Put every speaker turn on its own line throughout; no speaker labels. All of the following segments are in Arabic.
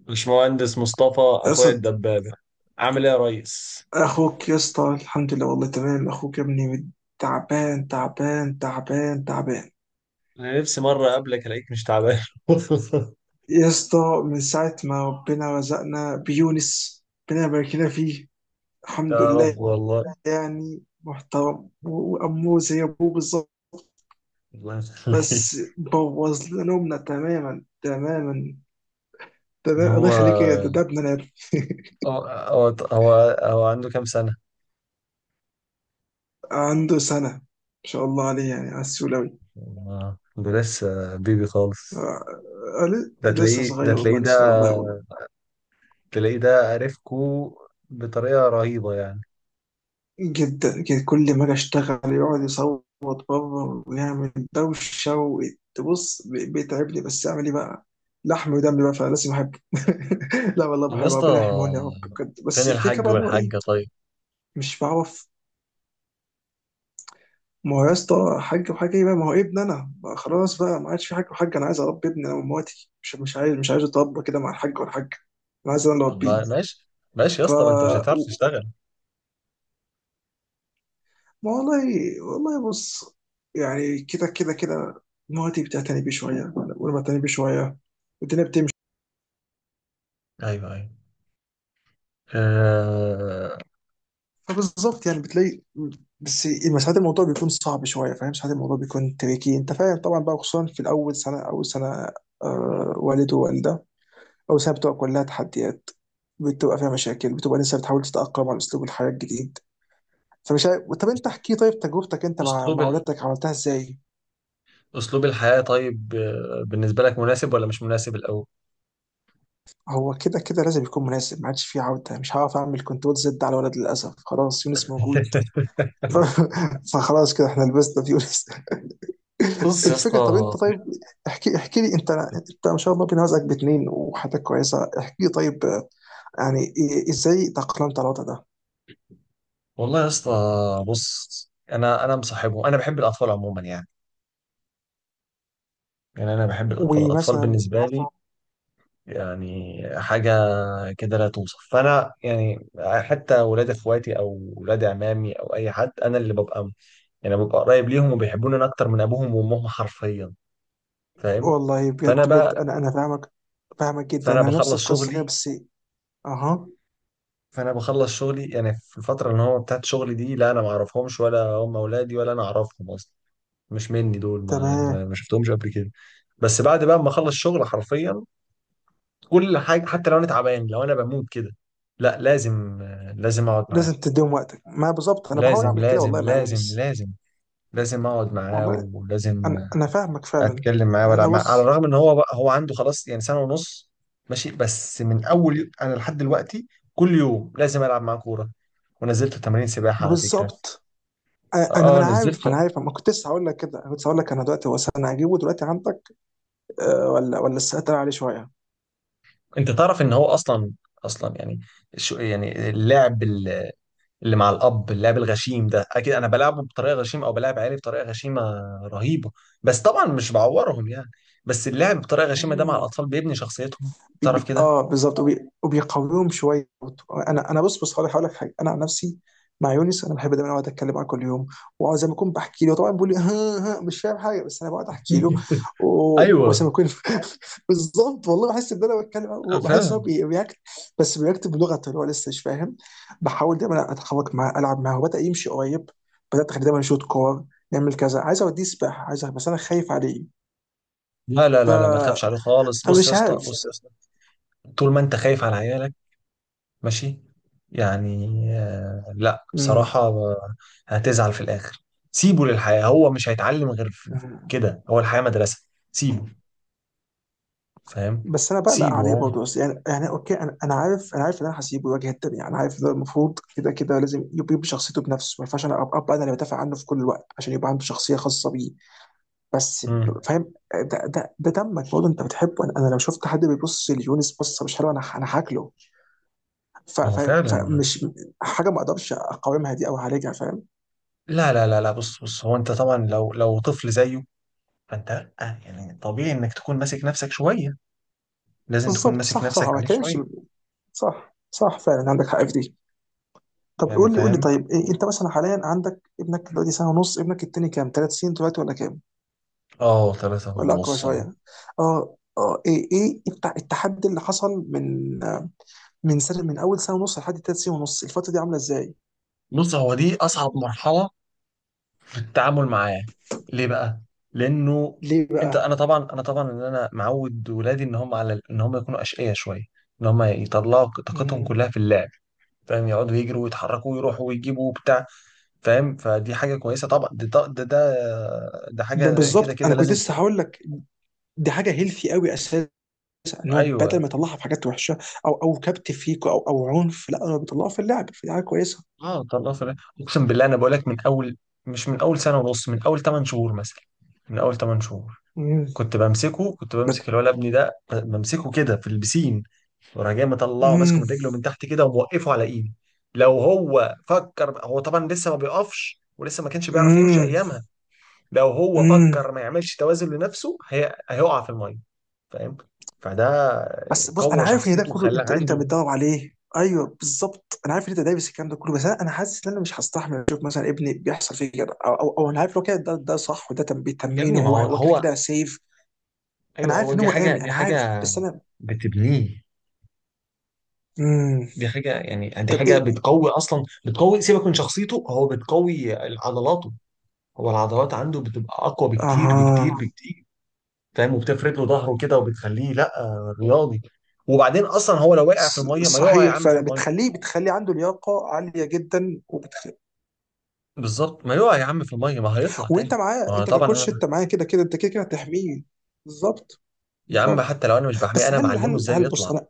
باشمهندس مصطفى
يا
اخويا
اسطى،
الدبابه عامل ايه يا ريس؟
اخوك يا اسطى الحمد لله، والله تمام. اخوك يا ابني تعبان تعبان تعبان تعبان.
انا نفسي مره اقابلك الاقيك مش تعبان.
يا اسطى، من ساعة ما ربنا رزقنا بيونس ربنا يبارك لنا فيه، الحمد
يا رب
لله.
والله.
يعني محترم، وأمه زي أبوه بالظبط،
الله يخليك.
بس بوظ لنا نومنا تماما تماما.
إن
تمام،
هو
الله يخليك. يا ده ابننا يا ابني.
هو هو هو هو عنده كام سنه؟
عنده سنة، ما شاء الله عليه، يعني على السولوي.
ده لسه بيبي خالص.
آه، آه،
ده
لسه
تلاقيه ده
صغير
تلاقيه
والله،
ده
لسه صغير والله والله.
تلاقيه ده عرفكو بطريقه رهيبه يعني.
جدا كده، كل ما اجي اشتغل يقعد يصوت بره ويعمل دوشه وتبص بيتعبني، بس اعمل ايه بقى؟ لحم ودم بقى فلازم احبه. لا والله
طب يا
بحبه،
اسطى،
ربنا يحميهولنا يا رب بجد.
فين
بس الفكره
الحاج
بقى ان هو ايه؟
والحاجه طيب؟
مش بعرف. ما هو يا اسطى حاج وحاجه ايه بقى؟ ما هو ابن انا بقى، خلاص بقى ما عادش في حاج وحاج. انا عايز اربي ابني انا ومواتي، مش عايز اتربى كده مع الحاج والحاجه. انا عايز انا اللي اربيه.
ماشي، ماشي يا
ف
اسطى، ما انت مش هتعرف تشتغل.
والله، والله بص، يعني كده كده كده. مراتي بتعتني بيه شويه، وانا بعتني بيه شويه، والدنيا بتمشي.
ايوه. آه،
فبالظبط يعني بتلاقي، بس ساعات الموضوع بيكون صعب شويه، فاهم؟ ساعات الموضوع بيكون تريكي، انت فاهم طبعا بقى، خصوصا في الاول سنه اول سنه. آه، والد ووالده. اول سنه بتبقى كلها تحديات، بتبقى فيها مشاكل، بتبقى لسه بتحاول تتاقلم على اسلوب الحياه الجديد. فمش عارف، طب انت احكي، طيب تجربتك انت مع
اسلوب
مع
ال...
ولادك عملتها ازاي؟
اسلوب الحياة، طيب، بالنسبة لك مناسب ولا مش مناسب الاول؟
هو كده كده لازم يكون مناسب، ما عادش فيه عودة، مش هعرف أعمل كنترول زد على الولد للأسف، خلاص يونس موجود. ف- فخلاص كده احنا لبسنا في يونس.
بص يا اسطى،
الفكرة، طب انت طيب، احكي، احكي لي انت ما شاء الله بنوازك باتنين وحياتك كويسة. احكي لي طيب، آه، ازاي تأقلمت على الوضع ده؟
والله يا اسطى، بص انا مصاحبهم، انا بحب الاطفال عموما يعني. يعني انا بحب الاطفال، الاطفال
ومثلا
بالنسبه لي يعني حاجه كده لا توصف. فانا يعني حتى ولاد اخواتي او ولاد عمامي او اي حد انا اللي ببقى يعني ببقى قريب ليهم، وبيحبوني انا اكتر من ابوهم وامهم حرفيا. فاهم؟
والله
فانا
بجد بجد،
بقى،
انا فاهمك، فاهمك جدا،
فانا
انا نفس
بخلص
القصة
شغلي.
كده، بس. اها.
فانا بخلص شغلي، يعني في الفتره اللي هو بتاعت شغلي دي، لا انا ما اعرفهمش ولا هم اولادي ولا انا اعرفهم اصلا، مش مني دول، ما ما
تمام.
ما شفتهمش قبل كده. بس بعد بقى ما اخلص شغل، حرفيا كل حاجه، حتى لو انا تعبان، لو انا بموت كده، لا لازم، لازم اقعد معاهم.
لازم تديهم وقتك، ما بالظبط، انا بحاول
لازم
اعمل كده
لازم
والله مع
لازم
يونس.
لازم لازم اقعد معاه
والله،
ولازم
انا فاهمك فعلا.
اتكلم معاه
يعني
ولا
انا
على
بص،
الرغم ان هو بقى هو عنده خلاص يعني سنه ونص. ماشي، بس انا لحد دلوقتي كل يوم لازم العب معاه كوره، ونزلت تمارين سباحه على فكره.
بالظبط، انا ما
اه،
انا عارف
نزلت.
ما انا عارف ما كنت لسه هقول لك كده، انا كنت هقول لك انا دلوقتي، هو انا هجيبه دلوقتي عندك. آه، ولا لسه هتقل عليه شويه؟
انت تعرف ان هو اصلا، اصلا يعني، شو يعني اللعب ال- اللي مع الاب، اللعب الغشيم ده، اكيد انا بلعبه بطريقه غشيمه او بلعب عيالي بطريقه غشيمه رهيبه، بس طبعا مش بعورهم يعني. بس اللعب بطريقه غشيمه ده مع
امم
الاطفال بيبني شخصيتهم،
بي
تعرف
بي
كده.
اه بالظبط، وبي وبيقويهم شويه برضه. انا بص بص، هقول لك حاجه، انا عن نفسي مع يونس، انا بحب دايما اقعد اتكلم معاه كل يوم، وزي ما اكون بحكي له. طبعا بيقول لي ها ها، مش فاهم حاجه، بس انا بقعد احكي له وزي
ايوه
ما اكون. بالظبط، والله بحس ان انا بتكلم، بحس ان هو
فعلا.
بياكت، بس بيكتب بلغته اللي هو لسه مش فاهم. بحاول دايما اتحرك معاه، العب معاه، وبدا يمشي قريب، بدات اخليه دايما يشوط كور، نعمل كذا، عايز اوديه سباحه، عايز، بس انا خايف عليه.
لا لا
ف...
لا لا، ما تخافش عليه خالص. بص يا
فمش
اسطى،
عارف.
بص يا اسطى، طول ما انت خايف على عيالك، ماشي، يعني، لا
مم.
بصراحة هتزعل في الآخر. سيبه للحياة، هو مش هيتعلم غير في كده، هو الحياة مدرسة. سيبه، فاهم؟
بس انا بقلق
سيبه
عليه
هو.
برضه، بس يعني اوكي، انا عارف، انا عارف ان انا هسيبه الواجهه التانيه، انا عارف ان ده المفروض، كده كده لازم يبقى، يبقى شخصيته بنفسه، ما ينفعش انا أبقى انا اللي بدافع عنه في كل الوقت، عشان يبقى عنده شخصيه خاصه بيه. بس
مم.
فاهم، ده دمك برضه، انت بتحبه. أنا لو شفت حد بيبص ليونس بصه مش حلوه، انا انا هاكله.
ما هو
فاهم،
فعلا.
فمش حاجه ما اقدرش اقاومها دي او اعالجها، فاهم؟
لا لا لا لا، بص بص، هو انت طبعا لو لو طفل زيه، فانت لأ، يعني طبيعي انك تكون ماسك نفسك شوية، لازم تكون
بالظبط،
ماسك
صح صح،
نفسك
ما
عليه
بتكلمش.
شوية.
صح صح، فعلا عندك حق في دي. طب
يعني
قول لي، قول لي
فاهم؟
طيب، إيه انت مثلا حاليا عندك ابنك دلوقتي سنه ونص، ابنك التاني كام؟ ثلاث سنين دلوقتي ولا كام؟
اه، ثلاثة
ولا اقوى
ونص اهو.
شويه؟ اه اه، ايه التحدي اللي حصل من، من سنه من اول سنه ونص لحد ثلاث سنين ونص، الفتره دي عامله ازاي؟
بص هو دي أصعب مرحلة التعامل معاه. ليه بقى؟ لانه
ليه
انت
بقى؟
انا طبعا ان انا معود ولادي ان هم على ان هم يكونوا اشقياء شويه، ان هم يطلعوا طاقتهم
مم.
كلها في اللعب. فاهم؟ يقعدوا يجروا ويتحركوا ويروحوا ويجيبوا وبتاع، فاهم؟ فدي حاجه كويسه طبعا، دي ده حاجه كده
بالظبط، انا
كده
كنت لسه هقول لك، دي حاجه هيلثي قوي اساسا، ان هو بدل ما
ايوه.
يطلعها في حاجات وحشه، او كبت فيك، او عنف، لا، هو بيطلعها في اللعب، في حاجه كويسه.
اه، طلعوا في اللعب. اقسم بالله، انا بقول لك من اول، مش من اول سنه ونص، من اول 8 شهور مثلا، من اول 8 شهور
امم
كنت بمسكه، كنت بمسك
بد...
الولد ابني ده، بمسكه كده في البسين وراح جاي، مطلعه ماسكه
امم.
من رجله من تحت كده وموقفه على ايدي. لو هو فكر، هو طبعا لسه ما بيقفش ولسه ما كانش بيعرف يمشي ايامها، لو هو
امم.
فكر ما يعملش توازن لنفسه هيقع في الميه. فاهم؟ فده
بس بص، انا
قوى
عارف ان ده
شخصيته
كله
وخلاه
انت، انت
عنده،
بتدور عليه، ايوه، بالظبط، انا عارف ان انت دايس الكلام ده كله، بس أنا حاسس ان انا مش هستحمل اشوف مثلا ابني بيحصل فيه كده، أو انا عارف لو كده ده صح، وده
يا ابني
تمرينه،
ما
هو
هو
هو كده
هو،
كده سيف. انا
ايوه
عارف
هو
ان
دي
هو
حاجه،
امن،
دي
انا عارف،
حاجه
بس انا.
بتبنيه.
امم
دي حاجه يعني، دي
طب
حاجه
ايه.
بتقوي اصلا، بتقوي سيبك من شخصيته، هو بتقوي عضلاته. هو العضلات عنده بتبقى اقوى بكتير بكتير
اها.
بكتير فاهم؟ وبتفرد له ظهره كده، وبتخليه لا رياضي. وبعدين اصلا هو لو وقع في
ص-
الميه، ما يقع يا
صحيح
عم في
فعلا،
الميه.
بتخليه عنده لياقه عاليه جدا،
بالظبط، ما يقع يا عم في الميه، ما هيطلع
وانت
تاني.
معاه،
ما أنا
انت
طبعا
ككوتش،
انا،
انت معاه، كده كده انت كده كده هتحميه. بالظبط،
يا عم
بالظبط.
حتى لو انا مش بحميه،
بس
انا
هل
معلمه
هل
ازاي
هل بص
يطلع.
انا،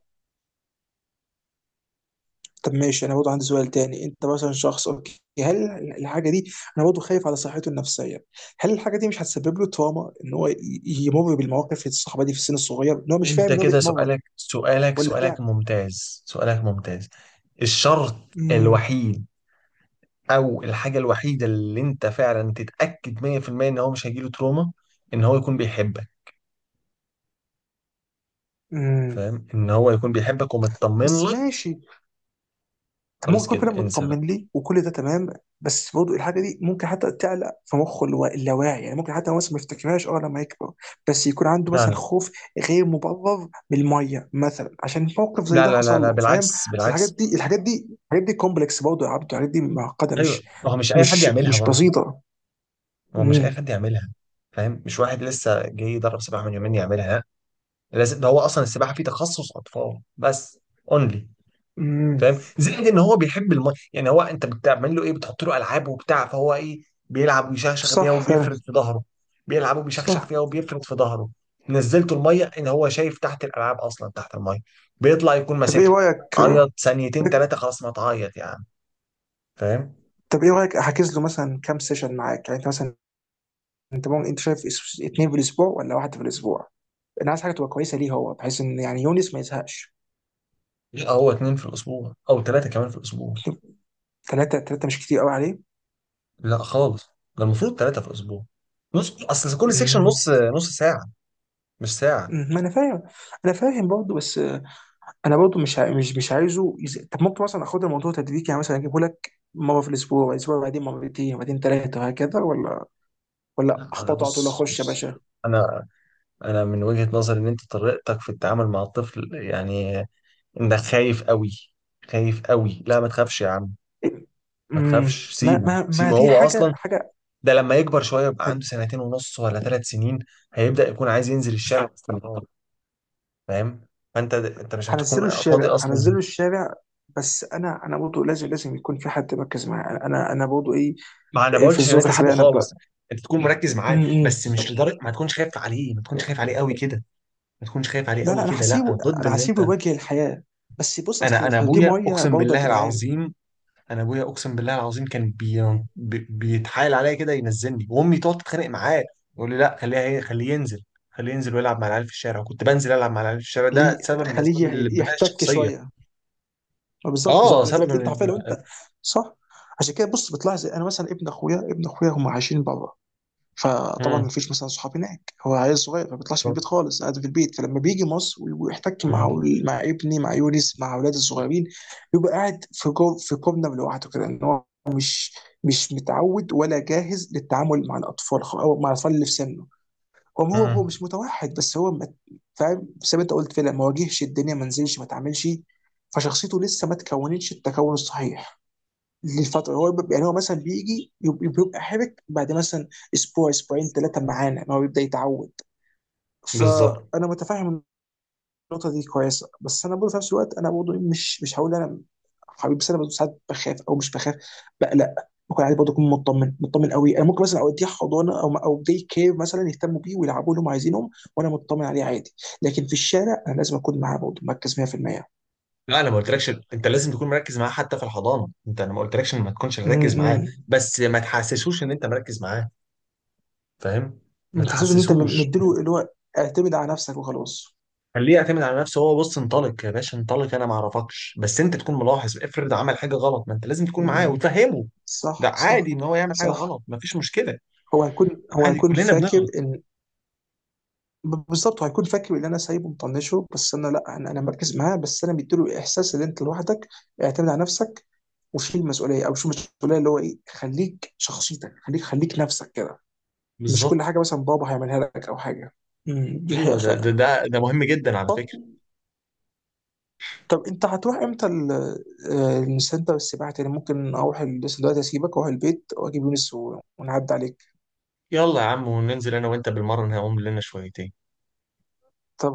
طب ماشي، انا برضه عندي سؤال تاني. انت مثلا شخص اوكي، هل الحاجه دي، انا برضه خايف على صحته النفسيه، هل الحاجه دي مش هتسبب له تروما ان هو يمر بالمواقف الصعبه دي في السن الصغير، ان هو مش فاهم
انت
ان هو
كده
بيتمرن،
سؤالك سؤالك
ولا بتاع؟
سؤالك ممتاز سؤالك ممتاز. الشرط
امم.
الوحيد او الحاجه الوحيده اللي انت فعلا تتاكد 100% ان هو مش هيجيله تروما، ان هو يكون بيحبك.
امم.
فاهم؟ ان هو يكون بيحبك ومطمن
بس
لك،
ماشي، ممكن
خلاص
يكون فعلا
كده انسى
مطمن
بقى.
لي وكل ده تمام، بس برضه الحاجه دي ممكن حتى تعلق في مخه اللي هو اللاواعي، يعني ممكن حتى هو مثلا ما يفتكرهاش اه لما يكبر، بس يكون عنده مثلا
لا
خوف غير مبرر من الميه مثلا، عشان موقف زي
لا
ده
لا لا
حصل
لا
له، فاهم؟
بالعكس،
بس الحاجات
بالعكس.
دي، الحاجات دي، الحاجات دي كومبلكس برضه يا عبده، الحاجات دي معقده،
ايوه
مش
ما هو مش اي حد
مش
يعملها
مش
برضه،
بسيطه.
ما هو مش اي
امم.
حد يعملها. فاهم؟ مش واحد لسه جاي يدرب سباحه من يومين يعملها، لازم ده، هو اصلا السباحه فيه تخصص اطفال بس، اونلي.
امم.
فاهم؟ زائد ان هو بيحب الماء، يعني هو انت بتعمل له ايه؟ بتحط له العاب وبتاع، فهو ايه؟ بيلعب ويشخشخ بيها
صح
وبيفرد
فعلا.
في ظهره، بيلعب وبيشخشخ
صح.
فيها وبيفرد في ظهره. نزلته الميه، ان هو شايف تحت الالعاب اصلا تحت الميه، بيطلع يكون
طب ايه
ماسكها.
رايك،
عيط ثانيتين ثلاثه، خلاص ما تعيط يعني. فاهم.
احجز له مثلا كام سيشن معاك؟ يعني انت مثلا، انت ممكن، انت شايف اثنين في الاسبوع ولا واحد في الاسبوع؟ انا عايز حاجه تبقى كويسه ليه هو، بحيث ان يعني يونس ما يزهقش.
لا هو اتنين في الأسبوع أو تلاتة كمان في الأسبوع.
ثلاثه، ثلاثه مش كتير قوي عليه؟
لا خالص، ده المفروض تلاتة في الأسبوع. نص، أصل كل سيكشن
مم.
نص ساعة، مش ساعة.
مم. ما انا فاهم، انا فاهم برضه، بس آه، انا برضه مش عايزه طب ممكن مثلا اخد الموضوع تدريجي، يعني مثلا اجيبه لك مره في الاسبوع، والاسبوع بعدين مرتين، وبعدين ثلاثه، وهكذا، ولا
لا أنا،
اخبطه على طول،
بص
اخش يا
بص،
باشا؟
أنا أنا من وجهة نظري إن أنت طريقتك في التعامل مع الطفل يعني، إنك خايف قوي، خايف قوي. لا ما تخافش يا عم، ما
امم
تخافش،
ما
سيبه،
ما ما
سيبه
دي
هو
حاجه،
أصلا.
حاجه.
ده لما يكبر شوية، يبقى عنده سنتين ونص ولا ثلاث سنين، هيبدأ يكون عايز ينزل الشارع باستمرار. فاهم؟ فأنت مش
هنزله
هتكون فاضي
الشارع،
أصلا.
هنزله الشارع، بس انا برضه لازم، لازم يكون في حد مركز معايا. انا برضه ايه،
ما انا ما
في
قلتش ان
الظروف
انت سيبه
الحاليه انا.
خالص، انت تكون مركز معاه،
ب...
بس مش لدرجه ما تكونش خايف عليه، ما تكونش خايف عليه قوي كده، ما تكونش خايف عليه
لا
قوي
لا، انا
كده، لا انا
هسيبه،
ضد
انا
ان
هسيبه
انت.
يواجه الحياه، بس بص،
انا
اصل دي
ابويا
ميه
اقسم
برضه يا
بالله
جدعان.
العظيم، انا ابويا اقسم بالله العظيم كان بيتحايل عليا كده ينزلني، وامي تقعد تتخانق معاه، يقول لي لا خليها هي، خليه ينزل، خليه ينزل ويلعب مع العيال في الشارع، كنت بنزل العب مع العيال في الشارع،
ليه،
ده سبب من اسباب
خليه
البناء
يحتك
الشخصيه.
شويه، ما بالظبط،
اه
بالظبط.
سبب
أنت عارف
من.
لو انت. صح. عشان كده بص، بتلاحظ انا مثلا ابن اخويا هم عايشين بره، فطبعا
مم.
ما فيش مثلا صحاب هناك، هو عيل صغير ما بيطلعش من البيت خالص، قاعد في البيت، فلما بيجي مصر ويحتك
مم.
مع، مع ابني، مع يونس، مع اولاد الصغيرين، بيبقى قاعد في جو في كوبنا لوحده كده، ان هو مش متعود ولا جاهز للتعامل مع الاطفال او مع الاطفال اللي في سنه. هو
مم.
مش متوحد، فاهم؟ زي ما انت قلت فعلا، ما واجهش الدنيا، ما نزلش، ما اتعاملش، فشخصيته لسه ما تكونتش التكون الصحيح للفتره. يعني هو مثلا بيجي بيبقى حرك بعد مثلا اسبوع، اسبوعين، ثلاثه معانا، ما هو بيبدا يتعود.
بالظبط.
فانا متفاهم النقطه دي كويسه، بس انا برضه في نفس الوقت، انا برضه مش هقول انا حبيبي، بس انا برضه ساعات بخاف، او مش بخاف، بقلق، بكون عادي برضه، اكون مطمن، مطمن قوي. انا ممكن مثلا اوديه حضانه، او او دي كير، مثلا يهتموا بيه ويلعبوا لهم عايزينهم، وانا مطمن عليه عادي، لكن في الشارع انا لازم اكون معاه برضه مركز 100%.
لا انا ما قلتلكش انت لازم تكون مركز معاه، حتى في الحضانه انت، انا ما قلتلكش إن ما تكونش مركز معاه،
امم.
بس ما تحسسوش ان انت مركز معاه. فاهم؟
ما
ما
تحسسش ان انت
تحسسوش.
مديله اللي هو، اعتمد على نفسك وخلاص.
خليه يعتمد على نفسه هو، بص انطلق يا باشا، انطلق انا ما اعرفكش، بس انت تكون ملاحظ، افرض عمل حاجه غلط، ما انت لازم تكون معاه
امم.
وتفهمه. ده
صح صح
عادي ان هو يعمل حاجه
صح.
غلط، ما فيش مشكله،
هو هيكون هو
عادي
هيكون
كلنا
فاكر
بنغلط.
ان، بالظبط، هيكون فاكر ان انا سايبه مطنشه، بس انا لا، انا مركز معاه، بس انا مديله احساس ان انت لوحدك، اعتمد على نفسك، وشيل المسؤوليه، او شيل المسؤوليه اللي هو ايه، خليك شخصيتك، خليك، خليك نفسك كده، مش كل
بالظبط،
حاجه مثلا بابا هيعملها لك او حاجه. امم، دي حقيقه
ايوه ده ده
فعلا.
ده ده مهم جدا على فكره.
طب انت هتروح امتى آه، السنتر، السباحه تاني ممكن اروح بس دلوقتي اسيبك واروح البيت واجيب يونس ونعدي عليك.
يلا يا عم وننزل انا وانت بالمره نقوم لنا شويتين.
طب